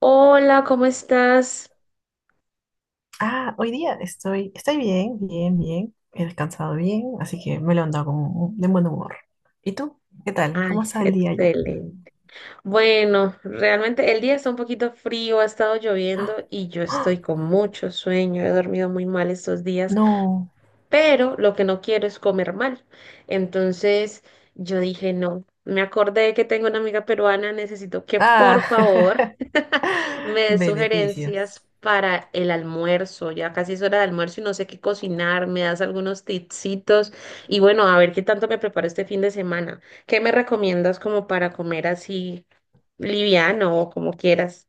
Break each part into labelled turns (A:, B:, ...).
A: Hola, ¿cómo estás?
B: Ah, hoy día estoy bien, bien, bien. He descansado bien, así que me lo ando con de buen humor. ¿Y tú? ¿Qué tal? ¿Cómo
A: Ay,
B: está el día ya?
A: excelente. Bueno, realmente el día está un poquito frío, ha estado lloviendo y yo
B: ¡Ah!
A: estoy con mucho sueño. He dormido muy mal estos días,
B: No.
A: pero lo que no quiero es comer mal. Entonces, yo dije, no, me acordé que tengo una amiga peruana, necesito que
B: Ah,
A: por favor me dé
B: beneficios.
A: sugerencias para el almuerzo. Ya casi es hora de almuerzo y no sé qué cocinar, me das algunos tipsitos y bueno, a ver qué tanto me preparo este fin de semana. ¿Qué me recomiendas como para comer así liviano o como quieras?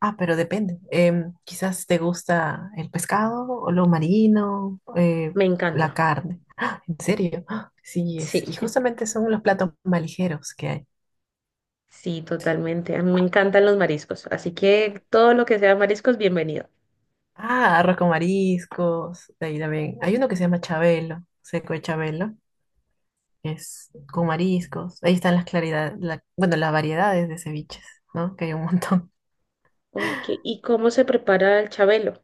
B: Ah, pero depende. Quizás te gusta el pescado o lo marino,
A: Me
B: la
A: encanta.
B: carne. ¡Ah! ¿En serio? ¡Ah! Sí, es.
A: Sí.
B: Y justamente son los platos más ligeros que hay.
A: Sí, totalmente. A mí me encantan los mariscos, así que todo lo que sea mariscos, bienvenido.
B: Ah, arroz con mariscos. De ahí también. Hay uno que se llama chabelo, seco de chabelo que es con mariscos. Ahí están las claridades, bueno, las variedades de ceviches, ¿no? Que hay un montón.
A: Ok, ¿y cómo se prepara el chabelo?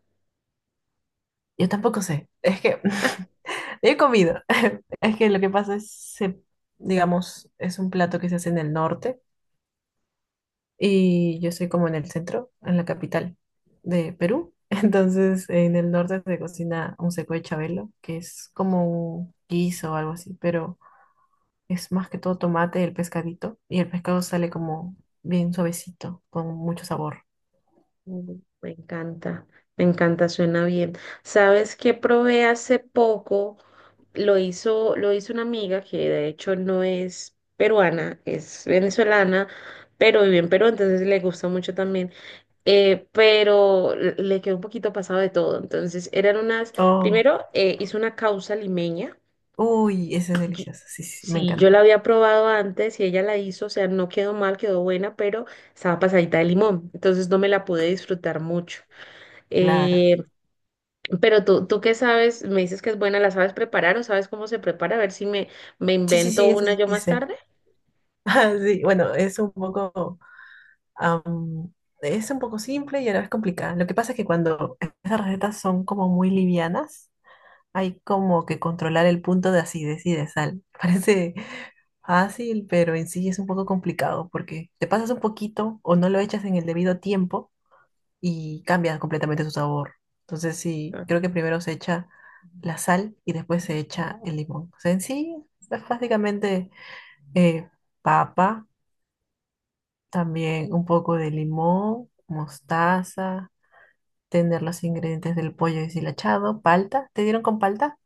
B: Yo tampoco sé, es que
A: Ah,
B: he comido. Es que lo que pasa es, digamos, es un plato que se hace en el norte y yo soy como en el centro, en la capital de Perú. Entonces, en el norte se cocina un seco de chabelo, que es como un guiso o algo así, pero es más que todo tomate, el pescadito, y el pescado sale como bien suavecito, con mucho sabor.
A: mm, me encanta, me encanta, suena bien. ¿Sabes qué probé hace poco? Lo hizo una amiga que de hecho no es peruana, es venezolana, pero vive en Perú, entonces le gusta mucho también. Pero le quedó un poquito pasado de todo. Entonces eran unas,
B: Oh,
A: primero hizo una causa limeña.
B: uy, esa es
A: yo-
B: deliciosa. Sí, sí, sí, me
A: sí, yo la
B: encanta.
A: había probado antes y ella la hizo, o sea, no quedó mal, quedó buena, pero estaba pasadita de limón, entonces no me la pude disfrutar mucho.
B: Claro.
A: Eh, pero tú qué sabes, me dices que es buena, ¿la sabes preparar o sabes cómo se prepara? A ver si me, me
B: Sí, sí,
A: invento
B: sí, eso
A: una
B: sí,
A: yo
B: sí
A: más
B: sé.
A: tarde.
B: Ah, sí, bueno, am, es un poco simple y a la vez complicada. Lo que pasa es que cuando esas recetas son como muy livianas, hay como que controlar el punto de acidez y de sal. Parece fácil, pero en sí es un poco complicado porque te pasas un poquito o no lo echas en el debido tiempo y cambia completamente su sabor. Entonces sí,
A: Ah,
B: creo que primero se echa la sal y después se echa el limón. O sea, en sí es básicamente eh, papa, también un poco de limón, mostaza, tener los ingredientes del pollo deshilachado, palta. ¿Te dieron con palta?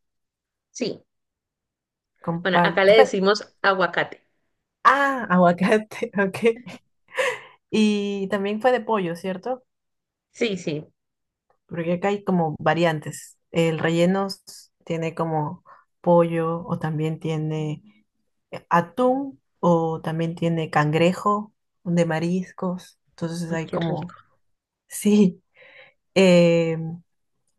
A: sí,
B: Con
A: bueno, acá
B: palta.
A: le decimos aguacate.
B: Ah, aguacate, ok. Y también fue de pollo, ¿cierto?
A: Sí, sí.
B: Porque acá hay como variantes. El relleno tiene como pollo o también tiene atún o también tiene cangrejo de mariscos. Entonces
A: Uy,
B: hay
A: qué rico.
B: como, sí. eh,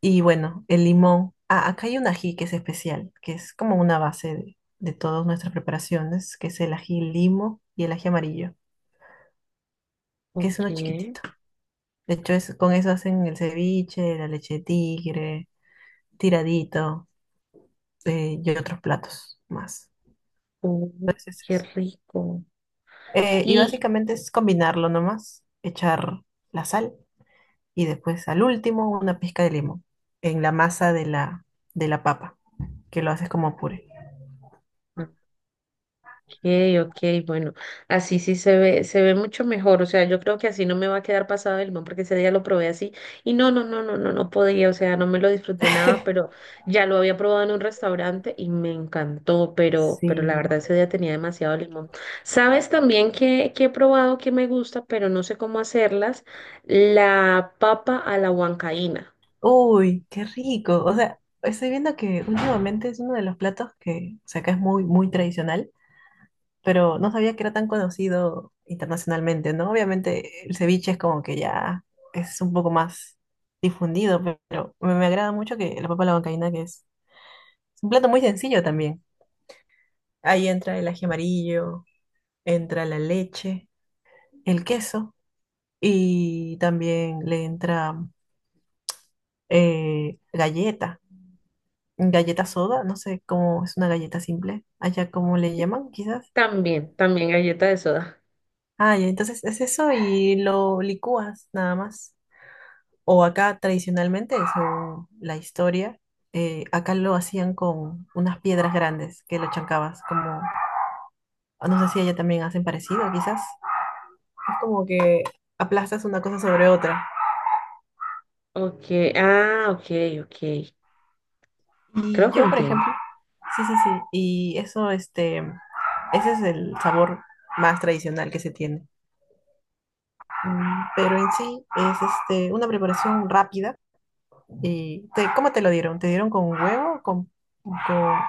B: y bueno, el limón. Ah, acá hay un ají que es especial, que es como una base de todas nuestras preparaciones, que es el ají limo y el ají amarillo, que es
A: Ok.
B: uno chiquitito. De hecho, con eso hacen el ceviche, la leche de tigre, tiradito. Y otros platos más.
A: Uy,
B: Entonces es
A: qué
B: eso.
A: rico.
B: Y
A: Y,
B: básicamente es combinarlo nomás, echar la sal y después al último una pizca de limón en la masa de la papa, que lo haces como puré.
A: okay, okay, bueno, así sí se ve mucho mejor, o sea, yo creo que así no me va a quedar pasado del limón porque ese día lo probé así y no, no, no, no, no, no podía, o sea, no me lo disfruté nada, pero ya lo había probado en un restaurante y me encantó, pero
B: Sí.
A: la verdad ese día tenía demasiado limón. ¿Sabes también que he probado que me gusta, pero no sé cómo hacerlas? La papa a la huancaína.
B: Uy, qué rico. O sea, estoy viendo que últimamente es uno de los platos que, o sea, acá es muy, muy tradicional, pero no sabía que era tan conocido internacionalmente, ¿no? Obviamente el ceviche es como que ya es un poco más difundido, pero me agrada mucho que la papa a la huancaína, que es un plato muy sencillo también. Ahí entra el ají amarillo, entra la leche, el queso y también le entra eh, galleta, galleta soda, no sé cómo es una galleta simple, allá cómo le llaman quizás.
A: También, también galleta de soda.
B: Ah, ya, entonces es eso y lo licúas nada más. O acá tradicionalmente, según la historia, acá lo hacían con unas piedras grandes que lo chancabas, como, no sé si allá también hacen parecido, quizás. Es como que aplastas una cosa sobre otra.
A: Okay, ah, ok, ok,
B: Y
A: creo que
B: yo, por
A: entiendo.
B: ejemplo, sí, sí, sí, y eso, ese es el sabor más tradicional que se tiene.
A: Mm.
B: Pero en sí es una preparación rápida. ¿Cómo te lo dieron? ¿Te dieron con huevo o con-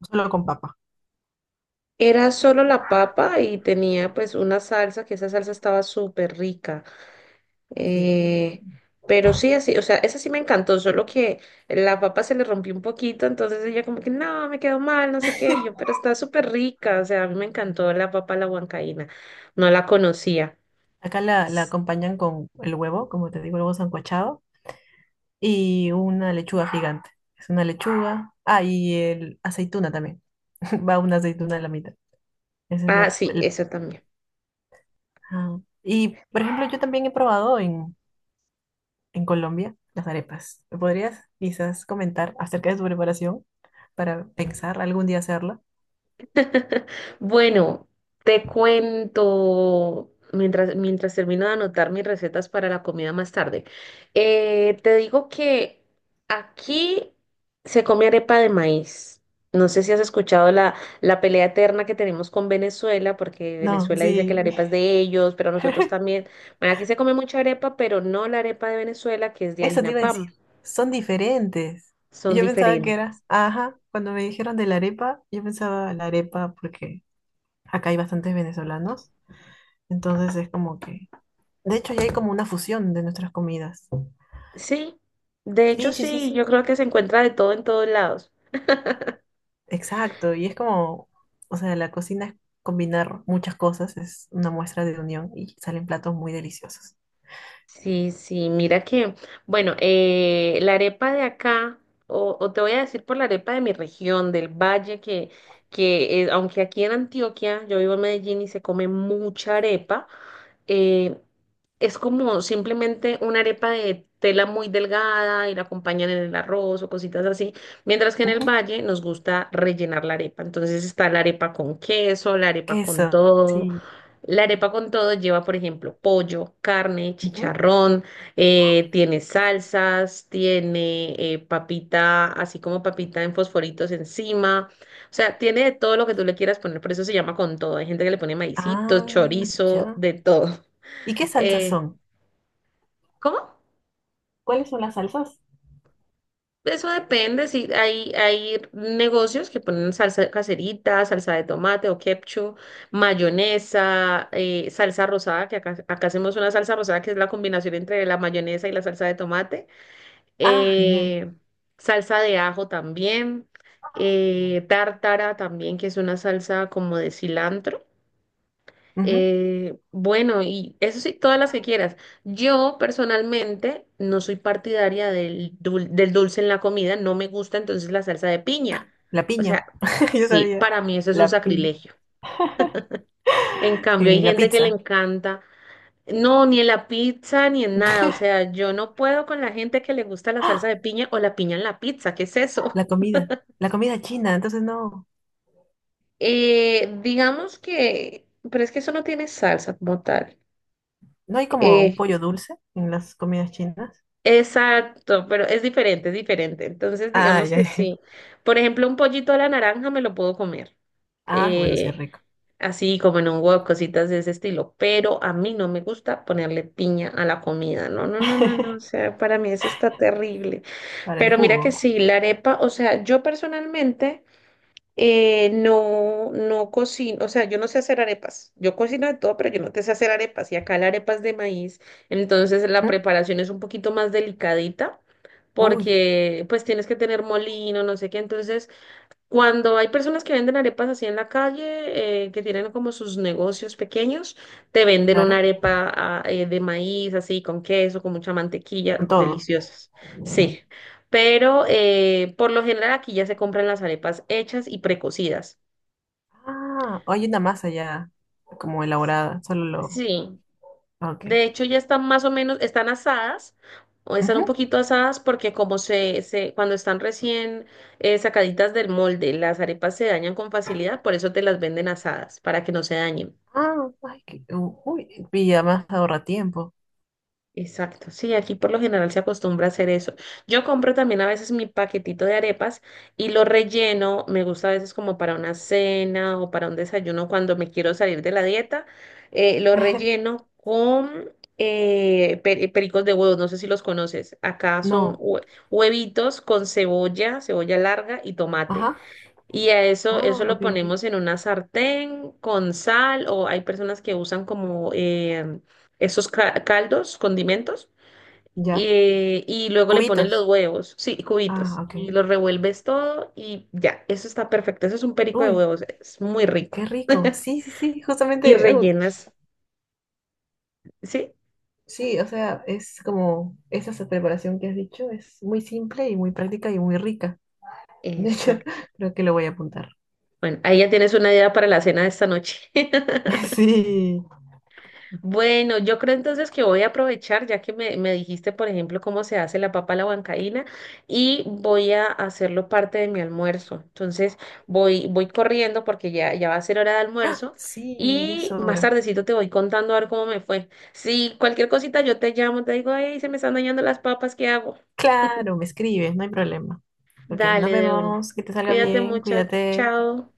B: solo con papa?
A: Era solo la papa y tenía pues una salsa, que esa salsa estaba súper rica.
B: Sí,
A: Eh, pero sí, así, o sea, esa sí me encantó, solo que la papa se le rompió un poquito, entonces ella como que, no, me quedó mal, no sé qué, y yo, pero está súper rica, o sea, a mí me encantó la papa a la huancaína, no la conocía.
B: acá la acompañan con el huevo, como te digo, el huevo sancochado, y una lechuga gigante. Es una lechuga. Ah, y el aceituna también. Va una aceituna a la mitad. Esa es
A: Ah,
B: la...
A: sí, eso también.
B: ah. Y, por ejemplo, yo también he probado en, Colombia las arepas. ¿Me podrías quizás comentar acerca de su preparación para pensar algún día hacerla?
A: Bueno, te cuento mientras termino de anotar mis recetas para la comida más tarde. Te digo que aquí se come arepa de maíz. No sé si has escuchado la pelea eterna que tenemos con Venezuela, porque
B: No,
A: Venezuela dice que la
B: sí.
A: arepa es de ellos, pero nosotros también. Bueno, aquí se come mucha arepa, pero no la arepa de Venezuela, que es de
B: Eso te
A: harina
B: iba a decir.
A: PAN.
B: Son diferentes. Y
A: Son
B: yo pensaba que
A: diferentes.
B: era, ajá, cuando me dijeron de la arepa, yo pensaba la arepa porque acá hay bastantes venezolanos, entonces es como que, de hecho, ya hay como una fusión de nuestras comidas.
A: Sí, de hecho
B: Sí, sí, sí,
A: sí, yo
B: sí,
A: creo que se encuentra de todo en todos lados.
B: exacto. Y es como, o sea, la cocina es combinar muchas cosas, es una muestra de unión y salen platos muy deliciosos.
A: Sí, sí, mira que, bueno, la arepa de acá, o te voy a decir por la arepa de mi región, del valle, que aunque aquí en Antioquia, yo vivo en Medellín y se come mucha arepa, eh, es como simplemente una arepa de tela muy delgada y la acompañan en el arroz o cositas así, mientras que en el
B: Ujú.
A: valle nos gusta rellenar la arepa. Entonces está la arepa con queso, la arepa con
B: Queso,
A: todo.
B: sí.
A: La arepa con todo lleva, por ejemplo, pollo, carne,
B: Ujú.
A: chicharrón, tiene salsas, tiene papita, así como papita en fosforitos encima. O sea, tiene de todo lo que tú le quieras poner, por eso se llama con todo. Hay gente que le pone maicitos,
B: Ah,
A: chorizo,
B: ya.
A: de todo.
B: ¿Y qué salsas
A: Eh,
B: son?
A: ¿Cómo?
B: ¿Cuáles son las salsas?
A: Eso depende, si hay, hay negocios que ponen salsa caserita, salsa de tomate o ketchup, mayonesa, salsa rosada, que acá hacemos una salsa rosada que es la combinación entre la mayonesa y la salsa de tomate,
B: Ah, genial.
A: eh, salsa de ajo también, tártara también, que es una salsa como de cilantro.
B: Ujú.
A: Bueno, y eso sí, todas las que quieras. Yo personalmente no soy partidaria del dulce en la comida, no me gusta entonces la salsa de piña.
B: La
A: O
B: piña,
A: sea,
B: yo
A: sí,
B: sabía.
A: para mí eso es un
B: La piña.
A: sacrilegio. En cambio, hay
B: En la
A: gente que le
B: pizza.
A: encanta, no, ni en la pizza ni en nada. O sea, yo no puedo con la gente que le gusta la salsa
B: ¡Ah!
A: de piña o la piña en la pizza, ¿qué es eso?
B: La comida, la comida china, entonces no.
A: Eh, digamos que, pero es que eso no tiene salsa como tal.
B: ¿No hay como
A: Eh,
B: un pollo dulce en las comidas chinas?
A: Exacto, pero es diferente, es diferente. Entonces,
B: Ah,
A: digamos
B: ya,
A: que
B: ya.
A: sí. Por ejemplo, un pollito a la naranja me lo puedo comer,
B: Ah, bueno, sí es
A: eh,
B: rico.
A: así como en un huevo, cositas de ese estilo. Pero a mí no me gusta ponerle piña a la comida. No, no, no, no, no. O sea, para mí eso está terrible.
B: Para el
A: Pero mira que
B: jugo.
A: sí, la arepa, o sea, yo personalmente. No, no cocino, o sea, yo no sé hacer arepas. Yo cocino de todo, pero yo no te sé hacer arepas. Y acá la arepa es de maíz, entonces la
B: Ujú.
A: preparación es un poquito más delicadita
B: Uy,
A: porque pues tienes que tener molino, no sé qué. Entonces cuando hay personas que venden arepas así en la calle, que tienen como sus negocios pequeños, te venden una
B: claro,
A: arepa de maíz, así con queso, con mucha mantequilla,
B: con todo.
A: deliciosas. Sí, por lo general aquí ya se compran las arepas hechas y precocidas.
B: Ah, hay una masa ya como elaborada, solo lo...
A: Sí,
B: Ah, ok.
A: de hecho ya están más o menos, están asadas, o están un
B: Ujú.
A: poquito asadas porque se cuando están recién sacaditas del molde, las arepas se dañan con facilidad, por eso te las venden asadas, para que no se dañen.
B: Ah, ay, uy, y además ahorra tiempo.
A: Exacto, sí, aquí por lo general se acostumbra a hacer eso. Yo compro también a veces mi paquetito de arepas y lo relleno, me gusta a veces como para una cena o para un desayuno cuando me quiero salir de la dieta, eh, lo relleno con eh, pe- eh, pericos de huevos, no sé si los conoces, acá son
B: No,
A: huevitos con cebolla, cebolla larga y tomate.
B: ajá.
A: Y a eso, eso
B: Ah,
A: lo
B: ok,
A: ponemos
B: ok.
A: en una sartén con sal o hay personas que usan como esos caldos, condimentos,
B: Ya.
A: y luego le ponen los
B: Cubitos.
A: huevos, sí,
B: Ah,
A: cubitos,
B: ok.
A: y los revuelves todo y ya, eso está perfecto. Eso es un perico de
B: Uy,
A: huevos, es muy rico.
B: qué rico. Sí, sí, sí,
A: Y
B: justamente, uy.
A: rellenas, ¿sí?
B: Sí, o sea, es como esa preparación que has dicho es muy simple y muy práctica y muy rica. De hecho,
A: Exacto.
B: creo que lo voy a apuntar.
A: Bueno, ahí ya tienes una idea para la cena de esta noche.
B: Sí,
A: Bueno, yo creo entonces que voy a aprovechar, ya que me dijiste, por ejemplo, cómo se hace la papa a la huancaína, y voy a hacerlo parte de mi almuerzo. Entonces, voy corriendo porque ya va a ser hora de almuerzo,
B: sí, ya es
A: y más
B: hora.
A: tardecito te voy contando a ver cómo me fue. Si cualquier cosita yo te llamo, te digo, hey, se me están dañando las papas, ¿qué hago?
B: Claro, me escribes, no hay problema. Ok, nos
A: Dale de una.
B: vemos, que te salga
A: Cuídate
B: bien,
A: mucho.
B: cuídate.
A: Chao.